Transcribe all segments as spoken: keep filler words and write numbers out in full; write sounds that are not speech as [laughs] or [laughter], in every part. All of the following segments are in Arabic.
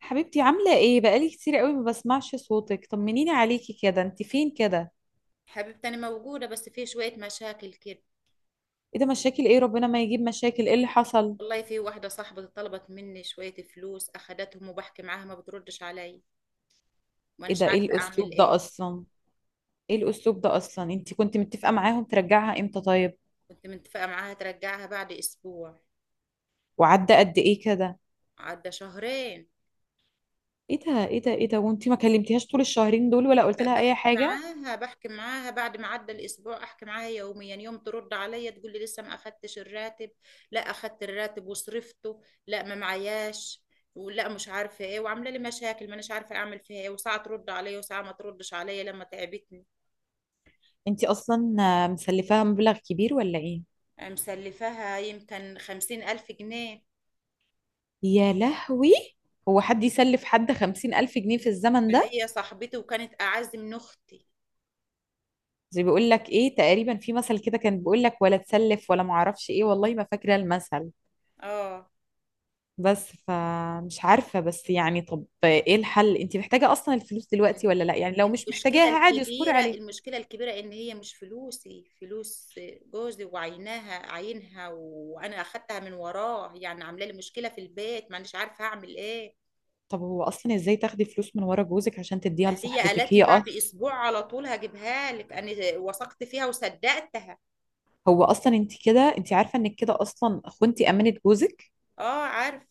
حبيبتي، عاملة ايه؟ بقالي كتير قوي ما بسمعش صوتك. طمنيني عليكي كده، انت فين كده؟ حبيبتي، أنا موجودة بس في شوية مشاكل كده. ايه ده؟ مشاكل ايه؟ ربنا ما يجيب. مشاكل ايه اللي حصل؟ والله في واحدة صاحبتي طلبت مني شوية فلوس أخدتهم وبحكي معاها ما بتردش علي ايه وأناش ده؟ ايه عارفة أعمل الاسلوب ده إيه. اصلا؟ ايه الاسلوب ده اصلا؟ انت كنت متفقة معاهم ترجعها امتى طيب؟ كنت متفقة معاها ترجعها بعد أسبوع. وعدى قد ايه كده؟ عدى شهرين. ايه ده؟ ايه ده؟ ايه ده؟ وانت ما كلمتيهاش طول الشهرين دول ولا قلت لها اي بحكي حاجة؟ معاها بحكي معاها بعد ما عدى الأسبوع أحكي معاها يوميا، يوم ترد عليا تقول لي لسه ما أخدتش الراتب، لا أخدت الراتب وصرفته، لا ما معياش، ولا مش عارفه ايه، وعامله لي مشاكل، ما اناش عارفه اعمل فيها ايه. وساعه ترد عليا وساعه ما تردش عليا لما تعبتني. انت اصلا آه، مسلفاها مبلغ كبير ولا ايه؟ مسلفاها يمكن خمسين ألف جنيه. يا لهوي! هو حد يسلف حد خمسين ألف جنيه في الزمن ده؟ فهي صاحبتي وكانت أعز من أختي. زي بيقول لك ايه تقريبا؟ في مثل كده كان بيقول لك ولا تسلف ولا معرفش ايه، والله ما فاكرة المثل. اه. بس فمش عارفة، بس يعني طب ايه الحل؟ انت محتاجة اصلا الفلوس دلوقتي ولا لا؟ يعني لو مش المشكلة محتاجاها عادي اصبري الكبيرة عليها. المشكلة الكبيرة إن هي مش فلوسي، فلوس جوزي وعيناها عينها وأنا أخدتها من وراه. يعني عاملة لي مشكلة في البيت، مانيش عارفة أعمل إيه. طب هو اصلا ازاي تاخدي فلوس من ورا جوزك عشان تديها فهي لصاحبتك قالت لي هي بعد اصلا؟ أسبوع على طول هجيبها لك، أنا وثقت فيها وصدقتها. هو اصلا انت كده، انت عارفة انك كده اصلا خنتي امانة جوزك؟ اه، عارف.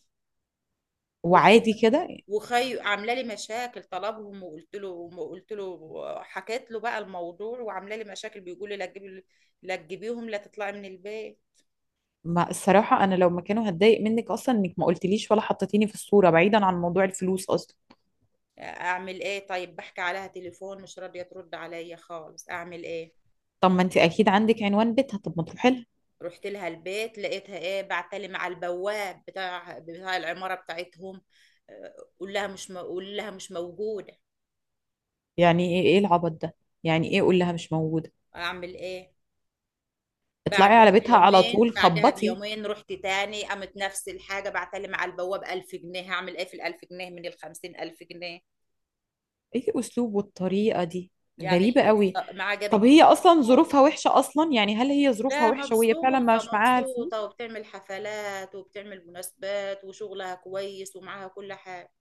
وعادي وخايفة. كده؟ وخي عامله لي مشاكل طلبهم، وقلت له وقلت له حكيت له بقى الموضوع، وعامله لي مشاكل، بيقول لي لا تجيبي لا تجيبيهم، لا تطلعي من البيت. ما الصراحة، انا لو مكانه هتضايق منك اصلا انك ما قلتليش ولا حطيتيني في الصورة، بعيدا عن موضوع الفلوس اصلا. اعمل ايه طيب؟ بحكي عليها تليفون مش راضيه ترد عليا خالص، اعمل ايه؟ طب ما انت اكيد عندك عنوان بيتها، طب ما تروحي لها. رحت لها البيت لقيتها ايه؟ بعتلي مع البواب بتاع بتاع العماره بتاعتهم. أه، قول لها مش م- قول لها مش موجوده. يعني ايه؟ ايه العبط ده؟ يعني ايه قول لها مش موجودة؟ اعمل ايه؟ اطلعي بعدها على بيتها على بيومين طول، بعدها خبطي. بيومين رحت تاني، قامت نفس الحاجة، بعتلم على البواب ألف جنيه. هعمل ايه في الألف جنيه من الخمسين ألف جنيه؟ ايه الاسلوب والطريقة دي؟ يعني غريبة قوي. الص- ما طب هي عجبتنيش. اصلا ظروفها وحشة اصلا؟ يعني هل هي ظروفها لا، وحشة وهي فعلا مبسوطة مش معاها الفلوس؟ مبسوطة وبتعمل حفلات وبتعمل مناسبات وشغلها كويس ومعاها كل حاجة.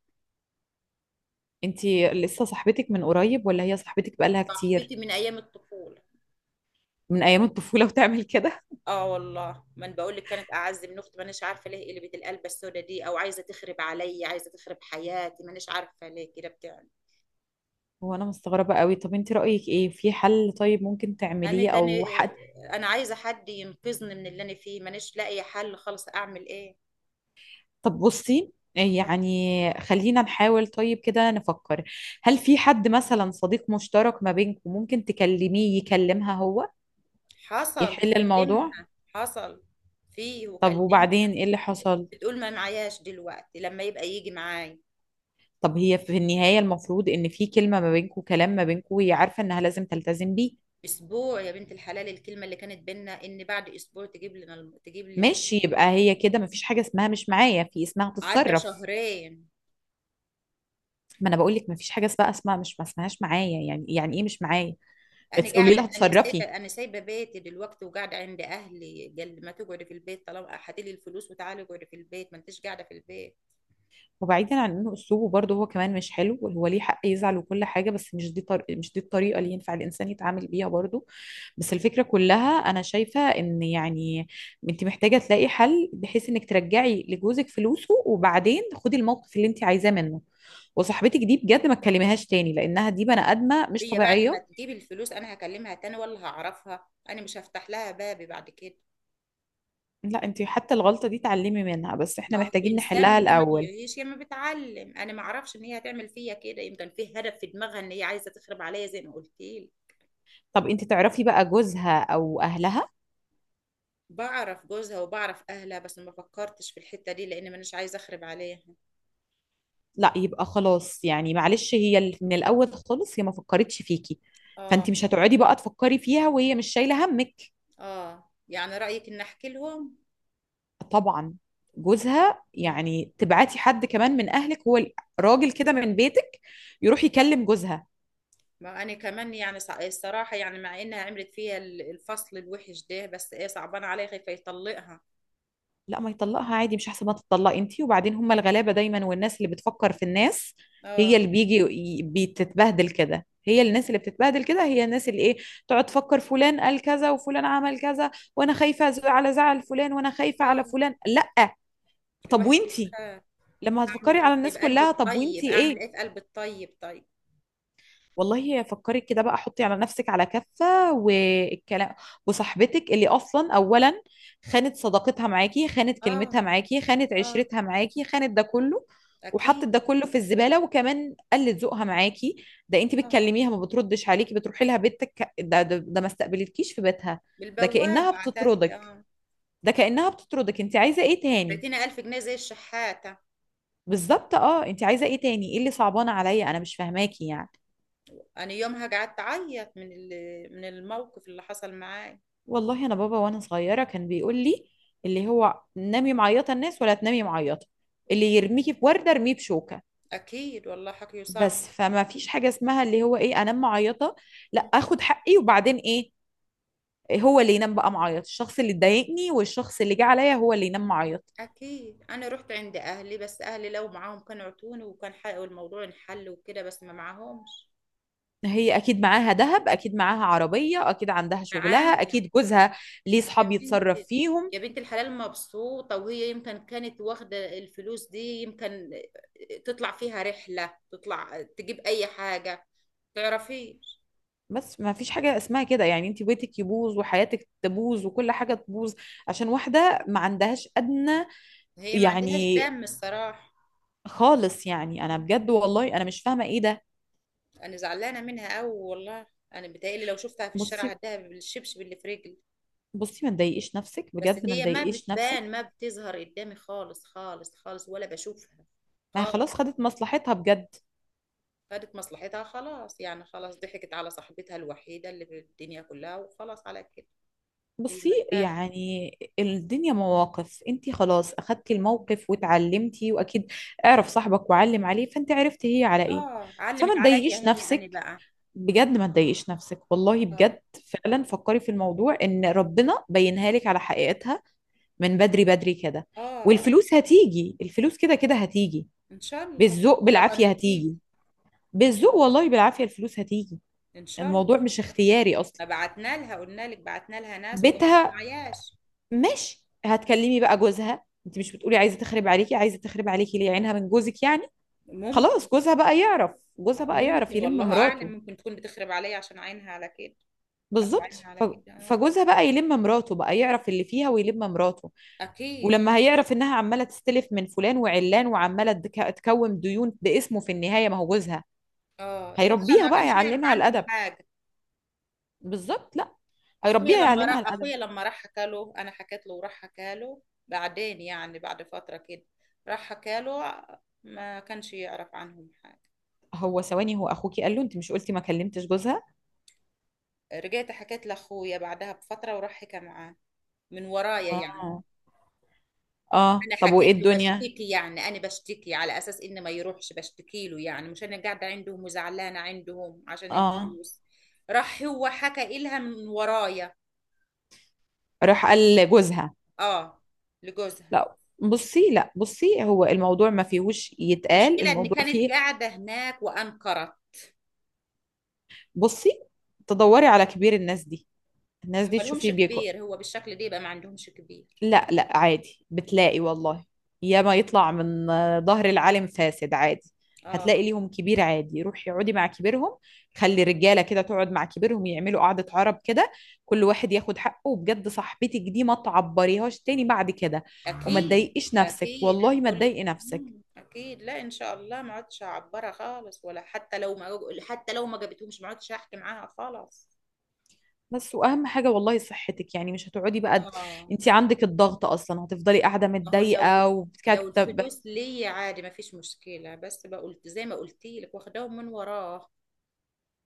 انتي لسه صاحبتك من قريب ولا هي صاحبتك بقالها كتير؟ صاحبتي من أيام الطفولة. من ايام الطفولة وتعمل كده؟ اه والله، ما انا بقول لك كانت اعز من اختي. مانيش عارفه ليه قلبت القلبه السودا دي، او عايزه تخرب عليا، عايزه تخرب حياتي، مانيش عارفه ليه كده بتعمل. [laughs] وانا مستغربة قوي. طب انتي رأيك ايه في حل طيب ممكن انا تعمليه تاني، او حق؟ انا عايزه حد ينقذني من اللي انا فيه، مانيش لاقي حل خالص، اعمل ايه؟ طب بصي، يعني خلينا نحاول طيب كده نفكر. هل في حد مثلا صديق مشترك ما بينكم ممكن تكلميه يكلمها هو؟ حصل يحل الموضوع. وكلمها. حصل، فيه طب وبعدين وكلمها. ايه اللي حصل؟ بتقول ما معياش دلوقتي، لما يبقى يجي معاي. طب هي في النهاية المفروض ان في كلمة ما بينكم، كلام ما بينكم وهي عارفة انها لازم تلتزم بيه. اسبوع يا بنت الحلال الكلمه اللي كانت بينا ان بعد اسبوع تجيب لنا الم- تجيب لي الف-. ماشي، يبقى هي كده مفيش حاجة اسمها مش معايا، في اسمها عدى تتصرف. شهرين. ما انا بقول لك مفيش حاجة اسمها اسمها مش ما اسمهاش معايا، يعني يعني ايه مش معايا؟ انا اتس- قولي لها قاعده انا سايبه اتصرفي. انا سايبه بيتي دلوقتي وقاعده عند اهلي. قال لي ما تقعدي في البيت، طالما هاتي لي الفلوس وتعالي اقعدي في البيت، ما انتش قاعده في البيت. وبعيدا عن انه اسلوبه برضه هو كمان مش حلو، هو ليه حق يزعل وكل حاجه، بس مش دي طر... مش دي الطريقه اللي ينفع الانسان يتعامل بيها برضه. بس الفكره كلها انا شايفه ان يعني، انت محتاجه تلاقي حل بحيث انك ترجعي لجوزك فلوسه، وبعدين خدي الموقف اللي انت عايزاه منه. وصاحبتك دي بجد ما تكلميهاش تاني، لانها دي بني ادمه مش هي بعد ما طبيعيه. تجيب الفلوس انا هكلمها تاني؟ ولا هعرفها انا مش هفتح لها بابي بعد كده. لا، انت حتى الغلطه دي اتعلمي منها، بس احنا ما هو محتاجين الانسان نحلها لما الاول. بيعيش يا ما بيتعلم، انا ما اعرفش ان هي هتعمل فيا كده، يمكن في هدف في دماغها ان هي عايزه تخرب عليا زي ما قلت لي. طب انت تعرفي بقى جوزها او اهلها؟ بعرف جوزها وبعرف اهلها، بس ما فكرتش في الحته دي لان مانيش عايزه اخرب عليها. لا، يبقى خلاص، يعني معلش هي ال- من الاول خالص هي ما فكرتش فيكي. اه، فانت مش هتقعدي بقى تفكري فيها وهي مش شايله همك. اه، يعني رايك ان احكي لهم. طبعا. جوزها، مم. يعني تبعتي حد كمان من اهلك، هو ال- راجل كده من بيتك، يروح يكلم جوزها. ما انا كمان يعني صع- الصراحه، يعني مع انها عملت فيها ال- الفصل الوحش ده، بس ايه صعبان عليا، خايفه يطلقها. لا ما يطلقها عادي، مش احسن ما تطلقي انتي؟ وبعدين هم الغلابة دايما والناس اللي بتفكر في الناس. هي اه، اللي بيجي ي- بتتبهدل كده، هي الناس اللي بتتبهدل كده، هي الناس اللي ايه، تقعد تفكر فلان قال كذا وفلان عمل كذا، وانا خايفة أز- على زعل فلان وانا خايفة اه، على فلان، لا. طب الواحد وانتي؟ بيخاف. لما اعمل هتفكري على ايه طيب، الناس قلب كلها، طب الطيب؟ وانتي اعمل ايه؟ ايه في قلب الطيب طيب؟ والله فكري كده بقى، حطي على نفسك على كفة والكلام، وصاحبتك اللي أصلا، أولا خانت صداقتها معاكي، خانت اه، كلمتها معاكي، خانت اه، عشرتها معاكي، خانت ده كله. وحطت اكيد. ده كله في الزبالة، وكمان قلت ذوقها معاكي. ده انت اه. بتكلميها ما بتردش عليكي، بتروحي لها بيتك، ده ده, ده ما استقبلتكيش في بيتها. ده بالبواب كأنها بعتت لي، بتطردك، اه. ده كأنها بتطردك، انت عايزة ايه تاني؟ بعتيني ألف جنيه زي الشحاتة. بالظبط، اه، انت عايزة ايه تاني؟ ايه اللي صعبان عليا، انا مش فاهماكي يعني. انا يومها قعدت اعيط من ال- من الموقف اللي حصل معاي. والله انا بابا وانا صغيره كان بيقول لي، اللي هو نامي معيطه الناس ولا تنامي معيطه، اللي يرميكي بورده ارميه بشوكه. اكيد والله حكيه صح. بس فما فيش حاجه اسمها اللي هو ايه انام معيطه، لا، مم. اخد حقي وبعدين ايه؟ هو اللي ينام بقى معيط، الشخص اللي ضايقني والشخص اللي جه عليا هو اللي ينام معيط. اكيد، انا رحت عند اهلي، بس اهلي لو معاهم كانوا عطوني وكان حقق الموضوع انحل وكده، بس ما معاهمش. هي اكيد معاها ذهب، اكيد معاها عربيه، اكيد عندها معاها. شغلها، اكيد جوزها، ليه يا صحاب بنت يتصرف فيهم. يا بنت الحلال، مبسوطة. وهي يمكن كانت واخدة الفلوس دي، يمكن تطلع فيها رحلة، تطلع تجيب أي حاجة، تعرفيش. بس ما فيش حاجة اسمها كده، يعني انت بيتك يبوظ وحياتك تبوظ وكل حاجة تبوظ، عشان واحدة ما عندهاش أدنى، هي ما عندهاش يعني دم الصراحة. خالص، يعني انا مم. بجد والله انا مش فاهمة ايه ده. أنا زعلانة منها أوي والله. أنا بتهيألي لو شفتها في الشارع بصي، هديها بالشبشب اللي في رجلي. بصي ما تضايقيش نفسك، بس بجد ما هي ما تضايقيش نفسك. بتبان، ما بتظهر قدامي خالص، خالص، خالص، ولا بشوفها ما هي خالص. خلاص خدت مصلحتها بجد. خدت مصلحتها خلاص، يعني خلاص ضحكت على صاحبتها الوحيدة اللي في الدنيا كلها، وخلاص على كده. هي بصي مرتاحة. يعني، الدنيا مواقف، انت خلاص اخدتي الموقف واتعلمتي، واكيد اعرف صاحبك وعلم عليه، فانت عرفتي هي على ايه. اه، فما علمت عليا تضايقيش هي، انا نفسك، بقى. بجد ما تضايقيش نفسك والله اه، بجد. فعلا فكري في الموضوع ان ربنا بينها لك على حقيقتها، من بدري بدري كده. اه، اه، والفلوس هتيجي، الفلوس كده كده هتيجي. ان شاء الله، بالذوق ان شاء بالعافية الله، ان في هتيجي. بالذوق والله بالعافية الفلوس هتيجي. ان شاء الله. الموضوع مش اختياري اصلا. ما بعتنا لها، قلنا لك بعتنا لها ناس وقالت ما بيتها، معياش. ماشي. هتكلمي بقى جوزها، انت مش بتقولي عايزة تخرب عليكي؟ عايزة تخرب عليكي ليه؟ عينها من جوزك يعني. ممكن. خلاص، جوزها بقى يعرف. جوزها بقى يعرف ممكن يلم والله اعلم، مراته. ممكن تكون بتخرب عليا عشان عينها على كده. حط بالظبط، عينها على ف- كده، اه. فجوزها بقى يلم مراته، بقى يعرف اللي فيها ويلم مراته. اكيد. ولما هيعرف انها عماله تستلف من فلان وعلان وعماله تك- تكون ديون باسمه في النهايه، ما هو جوزها. اه، لا هيربيها ما بقى كانش يعرف يعلمها عنهم الادب. حاجه. بالظبط، لا. اخويا هيربيها لما يعلمها راح الادب. اخويا لما راح حكى له، انا حكيت له، وراح حكى له. بعدين يعني بعد فتره كده، راح حكى له. ما كانش يعرف عنهم حاجه. هو ثواني، هو اخوكي قال له؟ انت مش قلتي ما كلمتش جوزها؟ رجعت حكيت لاخويا بعدها بفتره، وراح حكى معاه. من ورايا يعني. اه، اه. انا طب وايه حكيت له الدنيا؟ بشتكي يعني، انا بشتكي على اساس انه ما يروحش بشتكي له، يعني مش انا قاعده عندهم وزعلانه عندهم عشان اه، الفلوس. راح هو حكى إلها من ورايا. راح قال لجوزها؟ اه. لجوزها. لا بصي، لا بصي، هو الموضوع ما فيهوش يتقال، مشكله ان الموضوع كانت فيه. قاعده هناك وانكرت. بصي، تدوري على كبير الناس دي. الناس دي ما لهمش تشوفي بيك. كبير، هو بالشكل ده يبقى ما عندهمش كبير. لا لا، عادي بتلاقي والله. ياما يطلع من آه، ظهر العالم فاسد عادي. هتلاقي اه، ليهم كبير عادي، روحي اقعدي مع كبيرهم. خلي رجاله كده تقعد مع كبيرهم، يعملوا قعدة عرب كده. كل واحد ياخد حقه، وبجد صاحبتك دي ما تعبريهاش تاني بعد كده. وما اكيد، تضايقيش نفسك، اكيد انا والله ما بقول لك، تضايقي نفسك. مم، اكيد لا، ان شاء الله ما عدتش هعبرها خالص، ولا حتى لو ما حتى لو ما جابتهمش ما عدتش هحكي معاها خالص. بس واهم حاجة والله صحتك، يعني مش هتقعدي بقى، اه. انت عندك الضغط اصلا هتفضلي قاعدة ما هو لو متضايقة لو وبتكتب. الفلوس ليا عادي ما فيش مشكله، بس بقى قلت زي ما قلت لك واخداهم من وراه.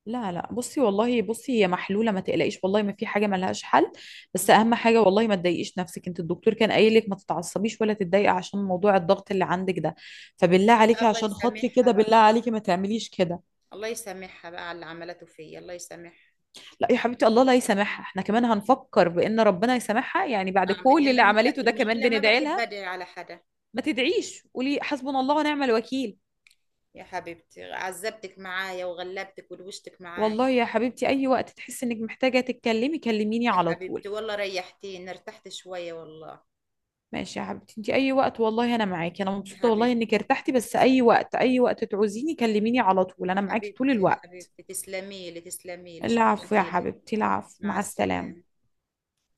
لا لا، بصي والله بصي، هي محلولة ما تقلقيش، والله ما في حاجة ملهاش حل. بس مم. أهم حاجة والله ما تضايقيش نفسك، انت الدكتور كان قايل لك ما تتعصبيش ولا تتضايقي عشان موضوع الضغط اللي عندك ده. فبالله عليكي الله عشان خاطري يسامحها كده، بقى. بالله عليكي ما تعمليش كده. الله يسامحها بقى على اللي عملته فيا، الله يسامحها. لا يا حبيبتي، الله لا يسامحها، احنا كمان هنفكر بأن ربنا يسامحها يعني؟ بعد اعمل ايه؟ كل ما اللي انا ما بق- عملته ده كمان المشكله ما بندعي بحب لها؟ ادعي على حدا. ما تدعيش، قولي حسبنا الله ونعم الوكيل. يا حبيبتي عذبتك معايا وغلبتك ودوشتك معايا. والله يا حبيبتي، أي وقت تحسي إنك محتاجة تتكلمي كلميني يا على طول. حبيبتي والله ريحتيني، ارتحت شوية والله. ماشي يا حبيبتي، انت اي وقت والله انا معاكي، انا يا مبسوطه والله انك حبيبتي، ارتحتي، بس اي وقت اي وقت تعوزيني كلميني على طول، انا معاكي طول حبيبتي، الوقت. حبيبتي، تسلمي لي، تسلمي لي، شكرا العفو يا إلك. حبيبتي، العفو، مع مع السلامة. السلامه.